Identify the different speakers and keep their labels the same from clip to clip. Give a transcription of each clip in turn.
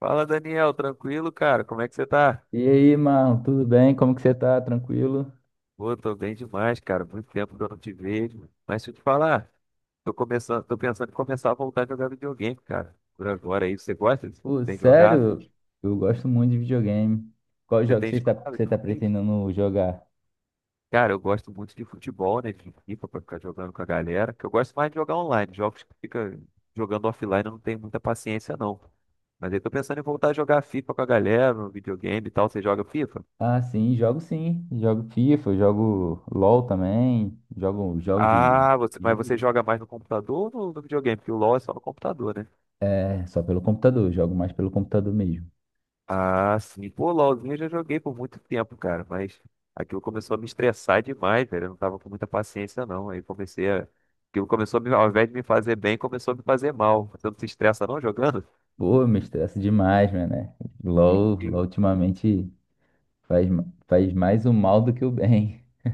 Speaker 1: Fala, Daniel, tranquilo, cara? Como é que você tá?
Speaker 2: E aí, mano, tudo bem? Como que você tá? Tranquilo?
Speaker 1: Pô, tô bem demais, cara. Muito tempo que eu não te vejo. Mas deixa eu te falar, tô pensando em começar a voltar a jogar videogame, cara. Por agora aí, você gosta?
Speaker 2: Pô,
Speaker 1: Tem jogado?
Speaker 2: sério? Eu gosto muito de videogame. Qual
Speaker 1: Você
Speaker 2: jogo
Speaker 1: tem jogado?
Speaker 2: você tá
Speaker 1: Sim.
Speaker 2: pretendendo jogar?
Speaker 1: Cara, eu gosto muito de futebol, né? De FIFA pra ficar jogando com a galera. Que eu gosto mais de jogar online. Jogos que fica jogando offline, eu não tenho muita paciência, não. Mas aí tô pensando em voltar a jogar FIFA com a galera no videogame e tal. Você joga FIFA?
Speaker 2: Ah, sim. Jogo FIFA, jogo LOL também. Jogo jogos
Speaker 1: Ah, você, mas você
Speaker 2: de-
Speaker 1: joga mais no computador ou no videogame? Porque o LoL é só no computador, né?
Speaker 2: É, só pelo computador. Jogo mais pelo computador mesmo.
Speaker 1: Ah, sim. Pô, LoLzinho eu já joguei por muito tempo, cara. Mas aquilo começou a me estressar demais, velho. Eu não tava com muita paciência, não. Aí comecei a. Aquilo começou a me, ao invés de me fazer bem, começou a me fazer mal. Você não se estressa, não, jogando?
Speaker 2: Pô, eu me estressa demais, mano, né?
Speaker 1: E-
Speaker 2: LOL,
Speaker 1: e
Speaker 2: LOL ultimamente faz mais o mal do que o bem.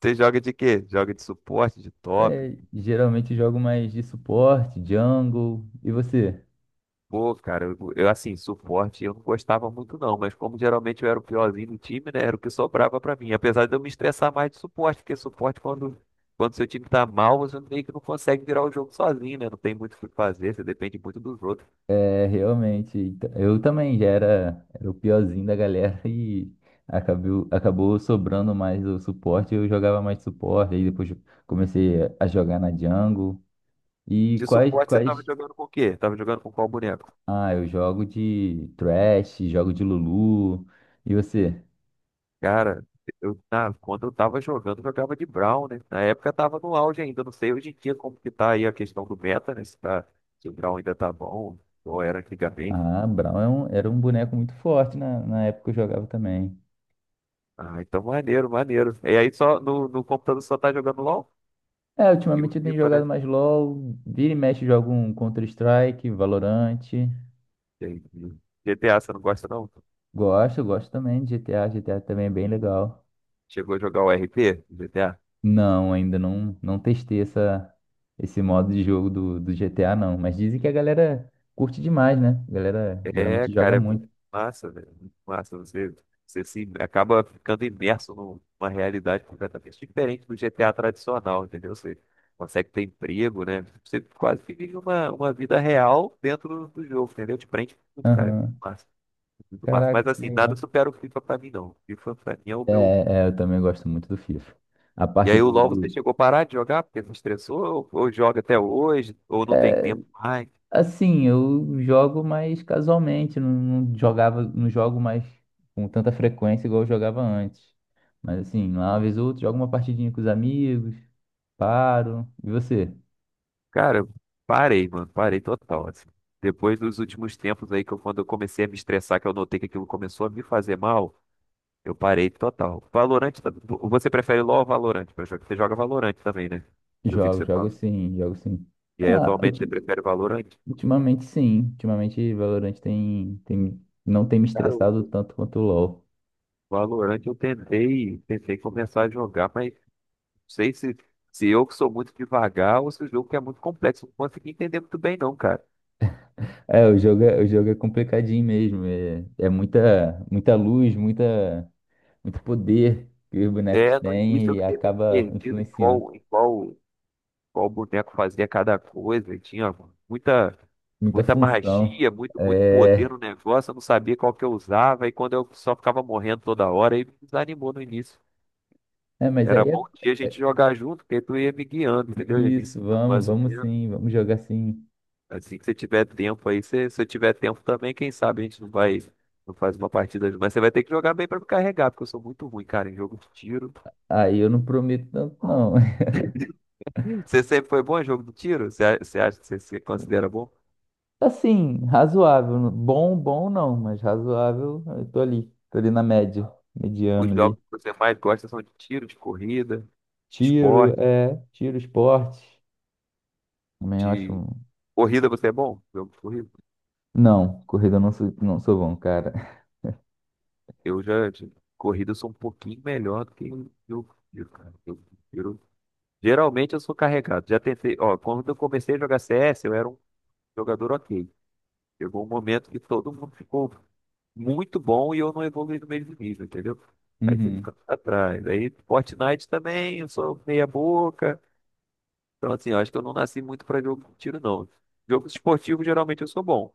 Speaker 1: Você joga de quê? Joga de suporte, de top?
Speaker 2: É, geralmente jogo mais de suporte, jungle. E você?
Speaker 1: Pô, cara, assim, suporte eu não gostava muito não, mas como geralmente eu era o piorzinho do time, né, era o que sobrava pra mim. Apesar de eu me estressar mais de suporte, porque quando seu time tá mal, você meio que não consegue virar o jogo sozinho, né? Não tem muito o que fazer, você depende muito dos outros.
Speaker 2: É, realmente. Então, eu também já era o piorzinho da galera e acabou sobrando mais o suporte. Eu jogava mais suporte, aí depois comecei a jogar na jungle. E
Speaker 1: De
Speaker 2: quais,
Speaker 1: suporte você tava
Speaker 2: quais?
Speaker 1: jogando com o quê? Tava jogando com qual boneco?
Speaker 2: Ah, eu jogo de Thresh, jogo de Lulu. E você?
Speaker 1: Cara, quando eu tava jogando, eu jogava de Brown, né? Na época tava no auge ainda, não sei hoje em dia como que tá aí a questão do meta, né? Se o Brown ainda tá bom, ou era antigamente.
Speaker 2: Ah, Brown era um boneco muito forte na época que eu jogava também.
Speaker 1: Ah, então maneiro, maneiro. E aí só no computador só tá jogando LOL
Speaker 2: É,
Speaker 1: e o
Speaker 2: ultimamente eu tenho
Speaker 1: FIFA,
Speaker 2: jogado
Speaker 1: né?
Speaker 2: mais LoL, vira e mexe eu jogo um Counter-Strike, Valorant.
Speaker 1: Entendi. GTA, você não gosta não?
Speaker 2: Gosto também de GTA. GTA também é bem legal.
Speaker 1: Chegou a jogar o RP do GTA?
Speaker 2: Não, ainda não, não testei essa, esse modo de jogo do GTA, não. Mas dizem que a galera curte demais, né? A galera
Speaker 1: É,
Speaker 2: geralmente joga
Speaker 1: cara, é muito
Speaker 2: muito.
Speaker 1: massa, velho. Muito massa. Você se acaba ficando imerso numa realidade completamente diferente do GTA tradicional, entendeu? Você consegue ter emprego, né? Você quase que vive uma vida real dentro do, do jogo, entendeu? Te prende muito, cara. Muito
Speaker 2: Aham.
Speaker 1: massa, muito massa. Mas
Speaker 2: Caraca, que
Speaker 1: assim, nada
Speaker 2: legal.
Speaker 1: supera o FIFA pra mim, não. O FIFA pra mim é o
Speaker 2: É,
Speaker 1: meu.
Speaker 2: é, eu também gosto muito do FIFA. A
Speaker 1: E
Speaker 2: parte
Speaker 1: aí o
Speaker 2: do,
Speaker 1: LoL você
Speaker 2: do-
Speaker 1: chegou a parar de jogar porque se estressou, ou joga até hoje, ou não tem
Speaker 2: é,
Speaker 1: tempo mais.
Speaker 2: assim, eu jogo mais casualmente, não, não jogava, não jogo mais com tanta frequência igual eu jogava antes. Mas assim, lá uma vez ou outra, jogo uma partidinha com os amigos, paro. E você?
Speaker 1: Cara, eu parei, mano, parei total, assim. Depois dos últimos tempos aí, que eu, quando eu comecei a me estressar, que eu notei que aquilo começou a me fazer mal, eu parei total. Você prefere LoL ou Valorant pra jogar? Você joga Valorant também, né? Eu vi que
Speaker 2: Jogo,
Speaker 1: você fala.
Speaker 2: jogo sim, jogo sim.
Speaker 1: E aí
Speaker 2: Ah,
Speaker 1: atualmente você prefere Valorant?
Speaker 2: ultimamente sim. Ultimamente Valorant não tem me
Speaker 1: Cara,
Speaker 2: estressado tanto quanto o LoL.
Speaker 1: o Valorant eu tentei, tentei começar a jogar, mas sei se, se eu que sou muito devagar ou se o jogo que é muito complexo. Não consegui entender muito bem, não, cara.
Speaker 2: É, o jogo é complicadinho mesmo. É, muita luz, muita, muito poder que os bonecos
Speaker 1: É, no início
Speaker 2: têm
Speaker 1: eu
Speaker 2: e
Speaker 1: fiquei meio
Speaker 2: acaba
Speaker 1: perdido
Speaker 2: influenciando.
Speaker 1: qual boneco fazia cada coisa. E tinha muita,
Speaker 2: Muita
Speaker 1: muita
Speaker 2: função.
Speaker 1: magia, muito, muito poder
Speaker 2: É,
Speaker 1: no negócio. Eu não sabia qual que eu usava. E quando eu só ficava morrendo toda hora, aí me desanimou no início.
Speaker 2: é, mas
Speaker 1: Era
Speaker 2: aí é,
Speaker 1: bom que a
Speaker 2: é
Speaker 1: gente jogar junto, porque tu ia me guiando, entendeu? Ia me
Speaker 2: isso,
Speaker 1: ensinando
Speaker 2: vamos,
Speaker 1: mais ou
Speaker 2: vamos
Speaker 1: menos.
Speaker 2: sim, vamos jogar sim.
Speaker 1: Assim que você tiver tempo aí, se eu tiver tempo também, quem sabe a gente não vai, não faz uma partida junto. Mas você vai ter que jogar bem pra me carregar, porque eu sou muito ruim, cara, em jogo de tiro.
Speaker 2: Aí eu não prometo tanto, não.
Speaker 1: Ih, você sempre foi bom em jogo de tiro? Você acha que você se considera bom?
Speaker 2: Assim, razoável. Bom, bom não, mas razoável. Eu tô ali na média,
Speaker 1: Os
Speaker 2: mediano ali.
Speaker 1: jogos que você mais gosta são de tiro, de corrida, de
Speaker 2: Tiro,
Speaker 1: esporte,
Speaker 2: é, tiro, esporte. Também eu acho.
Speaker 1: de... Corrida você é bom? Jogo de corrida?
Speaker 2: Não, corrida eu não sou bom, cara.
Speaker 1: De corrida eu sou um pouquinho melhor do que eu jogo de tiro, cara. Jogo de Geralmente eu sou carregado. Já tentei, ó, quando eu comecei a jogar CS, eu era um jogador ok. Chegou um momento que todo mundo ficou muito bom e eu não evoluí no mesmo nível, entendeu? Aí você fica
Speaker 2: Uhum.
Speaker 1: pra trás. Aí Fortnite também, eu sou meia boca. Então, assim, eu acho que eu não nasci muito pra jogo de tiro, não. Jogos esportivos, geralmente, eu sou bom.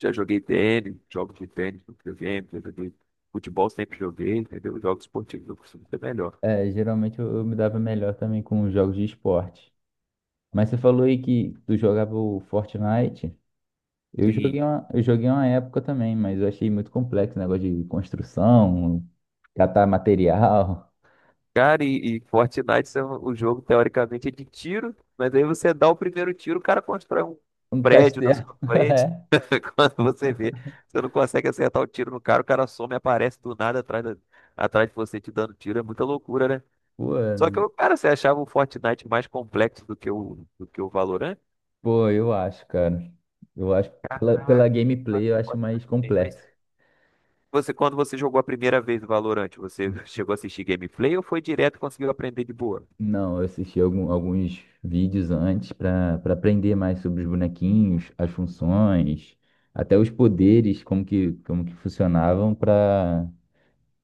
Speaker 1: Já joguei tênis, jogos de tênis no videogame, já joguei futebol, sempre joguei, entendeu? Jogos esportivos, eu costumo ser melhor.
Speaker 2: É, geralmente eu me dava melhor também com os jogos de esporte. Mas você falou aí que tu jogava o Fortnite. Eu
Speaker 1: Sim.
Speaker 2: joguei uma época também, mas eu achei muito complexo o negócio de construção, catar material,
Speaker 1: Cara, Fortnite o jogo, teoricamente, é de tiro, mas aí você dá o primeiro tiro, o cara constrói um
Speaker 2: um
Speaker 1: prédio na
Speaker 2: castelo.
Speaker 1: sua frente.
Speaker 2: É.
Speaker 1: Quando você vê, você não consegue acertar o tiro no cara, o cara some e aparece do nada atrás, atrás de você te dando tiro. É muita loucura, né?
Speaker 2: Pô,
Speaker 1: Só que, o cara, você achava o Fortnite mais complexo do que o Valorant?
Speaker 2: Pô, eu acho, cara. Eu acho, pela
Speaker 1: Caraca,
Speaker 2: gameplay, eu acho
Speaker 1: Fortnite
Speaker 2: mais
Speaker 1: tem, mas
Speaker 2: completo.
Speaker 1: quando você jogou a primeira vez o Valorant, você chegou a assistir gameplay ou foi direto e conseguiu aprender de boa?
Speaker 2: Não, eu assisti alguns vídeos antes pra para aprender mais sobre os bonequinhos, as funções, até os poderes, como que funcionavam pra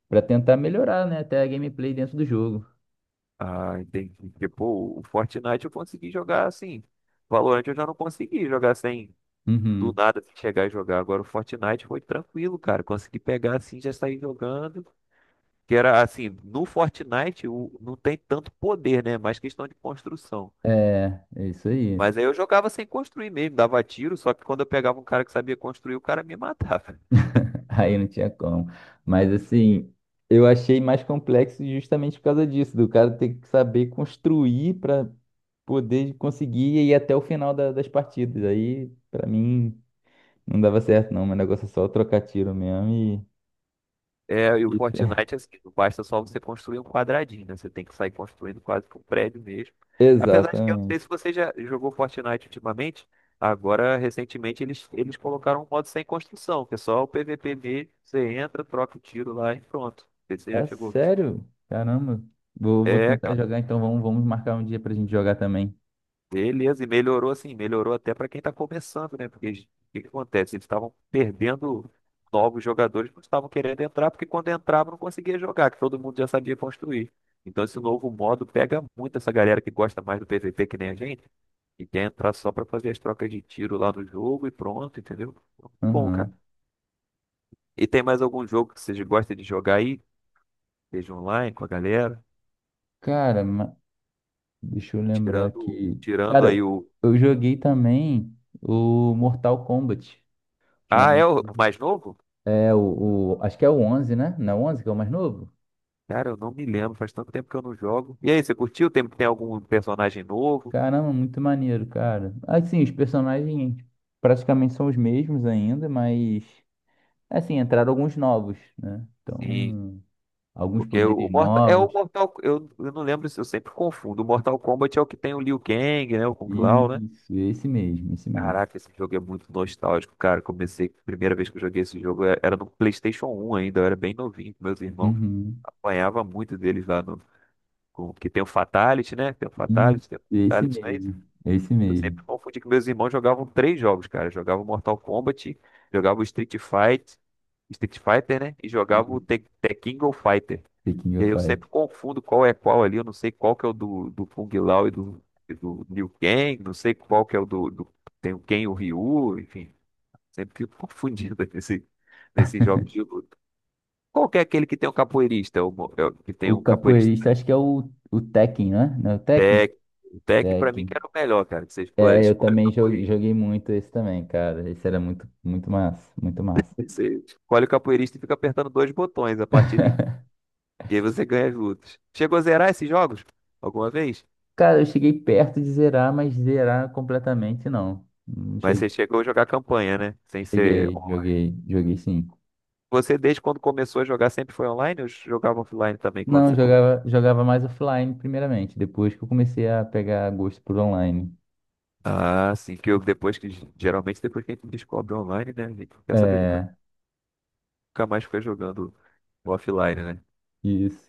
Speaker 2: para tentar melhorar, né, até a gameplay dentro do jogo.
Speaker 1: Ah, entendi. Tipo, o Fortnite eu consegui jogar assim. Valorant eu já não consegui jogar sem do
Speaker 2: Uhum.
Speaker 1: nada assim, chegar e jogar. Agora o Fortnite foi tranquilo, cara. Consegui pegar assim, já sair jogando. Que era assim, não tem tanto poder, né? Mais questão de construção.
Speaker 2: É, isso aí.
Speaker 1: Mas aí eu jogava sem construir mesmo, dava tiro, só que quando eu pegava um cara que sabia construir, o cara me matava.
Speaker 2: Aí não tinha como. Mas assim, eu achei mais complexo justamente por causa disso, do cara ter que saber construir para poder conseguir ir até o final das partidas. Aí, pra mim, não dava certo, não. Meu negócio é só trocar tiro mesmo
Speaker 1: É, e o
Speaker 2: e... e
Speaker 1: Fortnite, assim, não basta só você construir um quadradinho, né? Você tem que sair construindo quase que um prédio mesmo. Apesar de que eu não
Speaker 2: Exatamente.
Speaker 1: sei se você já jogou Fortnite ultimamente, agora, recentemente, eles colocaram um modo sem construção, que é só o PVP mesmo, você entra, troca o tiro lá e pronto. Você já
Speaker 2: Ah,
Speaker 1: chegou.
Speaker 2: sério? Caramba. Vou
Speaker 1: É,
Speaker 2: tentar jogar, então vamos marcar um dia pra gente jogar também.
Speaker 1: beleza, e melhorou assim, melhorou até para quem está começando, né? O que que acontece? Eles estavam perdendo novos jogadores, não estavam querendo entrar, porque quando entrava não conseguia jogar, que todo mundo já sabia construir. Então esse novo modo pega muito essa galera que gosta mais do PVP que nem a gente, e quer entrar só para fazer as trocas de tiro lá no jogo e pronto, entendeu? Bom, cara.
Speaker 2: Aham.
Speaker 1: E tem mais algum jogo que vocês gostam de jogar aí? Seja online com a galera?
Speaker 2: Cara, deixa eu lembrar aqui.
Speaker 1: Tirando aí
Speaker 2: Cara,
Speaker 1: o.
Speaker 2: eu joguei também o Mortal Kombat.
Speaker 1: Ah, é
Speaker 2: Ultimamente.
Speaker 1: o mais novo?
Speaker 2: Acho que é o onze, né? Não é o 11 que é o mais novo?
Speaker 1: Cara, eu não me lembro, faz tanto tempo que eu não jogo. E aí, você curtiu? Tem algum personagem novo?
Speaker 2: Caramba, muito maneiro, cara. Assim, os personagens praticamente são os mesmos ainda, mas assim, entraram alguns novos, né?
Speaker 1: Sim,
Speaker 2: Então, alguns
Speaker 1: porque
Speaker 2: poderes
Speaker 1: O
Speaker 2: novos.
Speaker 1: Mortal, eu não lembro se eu sempre confundo. O Mortal Kombat é o que tem o Liu Kang, né? O Kung Lao, né?
Speaker 2: Isso, esse mesmo, esse mesmo.
Speaker 1: Caraca, esse jogo é muito nostálgico, cara. Comecei, a primeira vez que eu joguei esse jogo era no PlayStation 1 ainda, eu era bem novinho com meus irmãos.
Speaker 2: Uhum.
Speaker 1: Apanhava muito deles lá no, com, que tem o Fatality, né?
Speaker 2: Isso,
Speaker 1: Tem o
Speaker 2: esse
Speaker 1: Fatality, não é isso?
Speaker 2: mesmo, esse
Speaker 1: Eu
Speaker 2: mesmo.
Speaker 1: sempre confundi que meus irmãos jogavam três jogos, cara. Jogavam Mortal Kombat, jogavam Street Fighter, né? E jogava
Speaker 2: Isso,
Speaker 1: o Tekken Go Fighter.
Speaker 2: The King
Speaker 1: E aí
Speaker 2: of
Speaker 1: eu
Speaker 2: Fire.
Speaker 1: sempre confundo qual é qual ali. Eu não sei qual que é o do Kung Lao e do Liu Kang. Não sei qual que é o Tem o Ken e o Ryu. Enfim, sempre fico confundido nesses jogos de luta. Qual que é aquele que tem um capoeirista? É O, mo- é o que tem
Speaker 2: O
Speaker 1: um capoeirista.
Speaker 2: capoeirista, acho que é o Tekken, né? Não é o Tekken?
Speaker 1: Tekken. O Tekken pra mim que
Speaker 2: Tekken.
Speaker 1: era o melhor, cara. Que você
Speaker 2: É, eu
Speaker 1: escolhe o
Speaker 2: também jo-
Speaker 1: capoeirista.
Speaker 2: joguei muito esse também, cara. Esse era muito, muito massa, muito massa.
Speaker 1: Você escolhe o capoeirista e fica apertando dois botões a partida inteira. E aí você ganha as lutas. Chegou a zerar esses jogos? Alguma vez?
Speaker 2: Cara, eu cheguei perto de zerar, mas zerar completamente não. Não
Speaker 1: Mas você
Speaker 2: cheguei.
Speaker 1: chegou a jogar campanha, né? Sem ser
Speaker 2: Cheguei,
Speaker 1: online.
Speaker 2: joguei, joguei sim.
Speaker 1: Você, desde quando começou a jogar, sempre foi online ou jogava offline também quando
Speaker 2: Não, eu
Speaker 1: você começou?
Speaker 2: jogava mais offline primeiramente, depois que eu comecei a pegar gosto por online.
Speaker 1: Ah, sim, que eu, depois que. Geralmente, depois que a gente descobre online, né? A gente não quer saber de
Speaker 2: É,
Speaker 1: nunca mais ficar jogando offline, né?
Speaker 2: isso.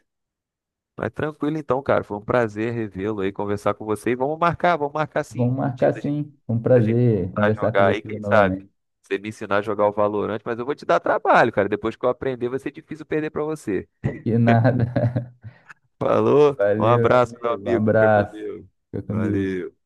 Speaker 1: Mas tranquilo então, cara. Foi um prazer revê-lo aí, conversar com você. E vamos marcar sim.
Speaker 2: Vamos
Speaker 1: Um
Speaker 2: marcar
Speaker 1: dia da gente
Speaker 2: sim. Foi um
Speaker 1: pra gente
Speaker 2: prazer
Speaker 1: voltar a
Speaker 2: conversar com
Speaker 1: jogar aí,
Speaker 2: você
Speaker 1: quem sabe?
Speaker 2: novamente.
Speaker 1: Você me ensinar a jogar o Valorant, mas eu vou te dar trabalho, cara. Depois que eu aprender, vai ser difícil perder pra você.
Speaker 2: Que nada.
Speaker 1: Falou, um
Speaker 2: Valeu, meu
Speaker 1: abraço, meu
Speaker 2: amigo. Um
Speaker 1: amigo. Fica com
Speaker 2: abraço.
Speaker 1: Deus.
Speaker 2: Fica com Deus.
Speaker 1: Valeu.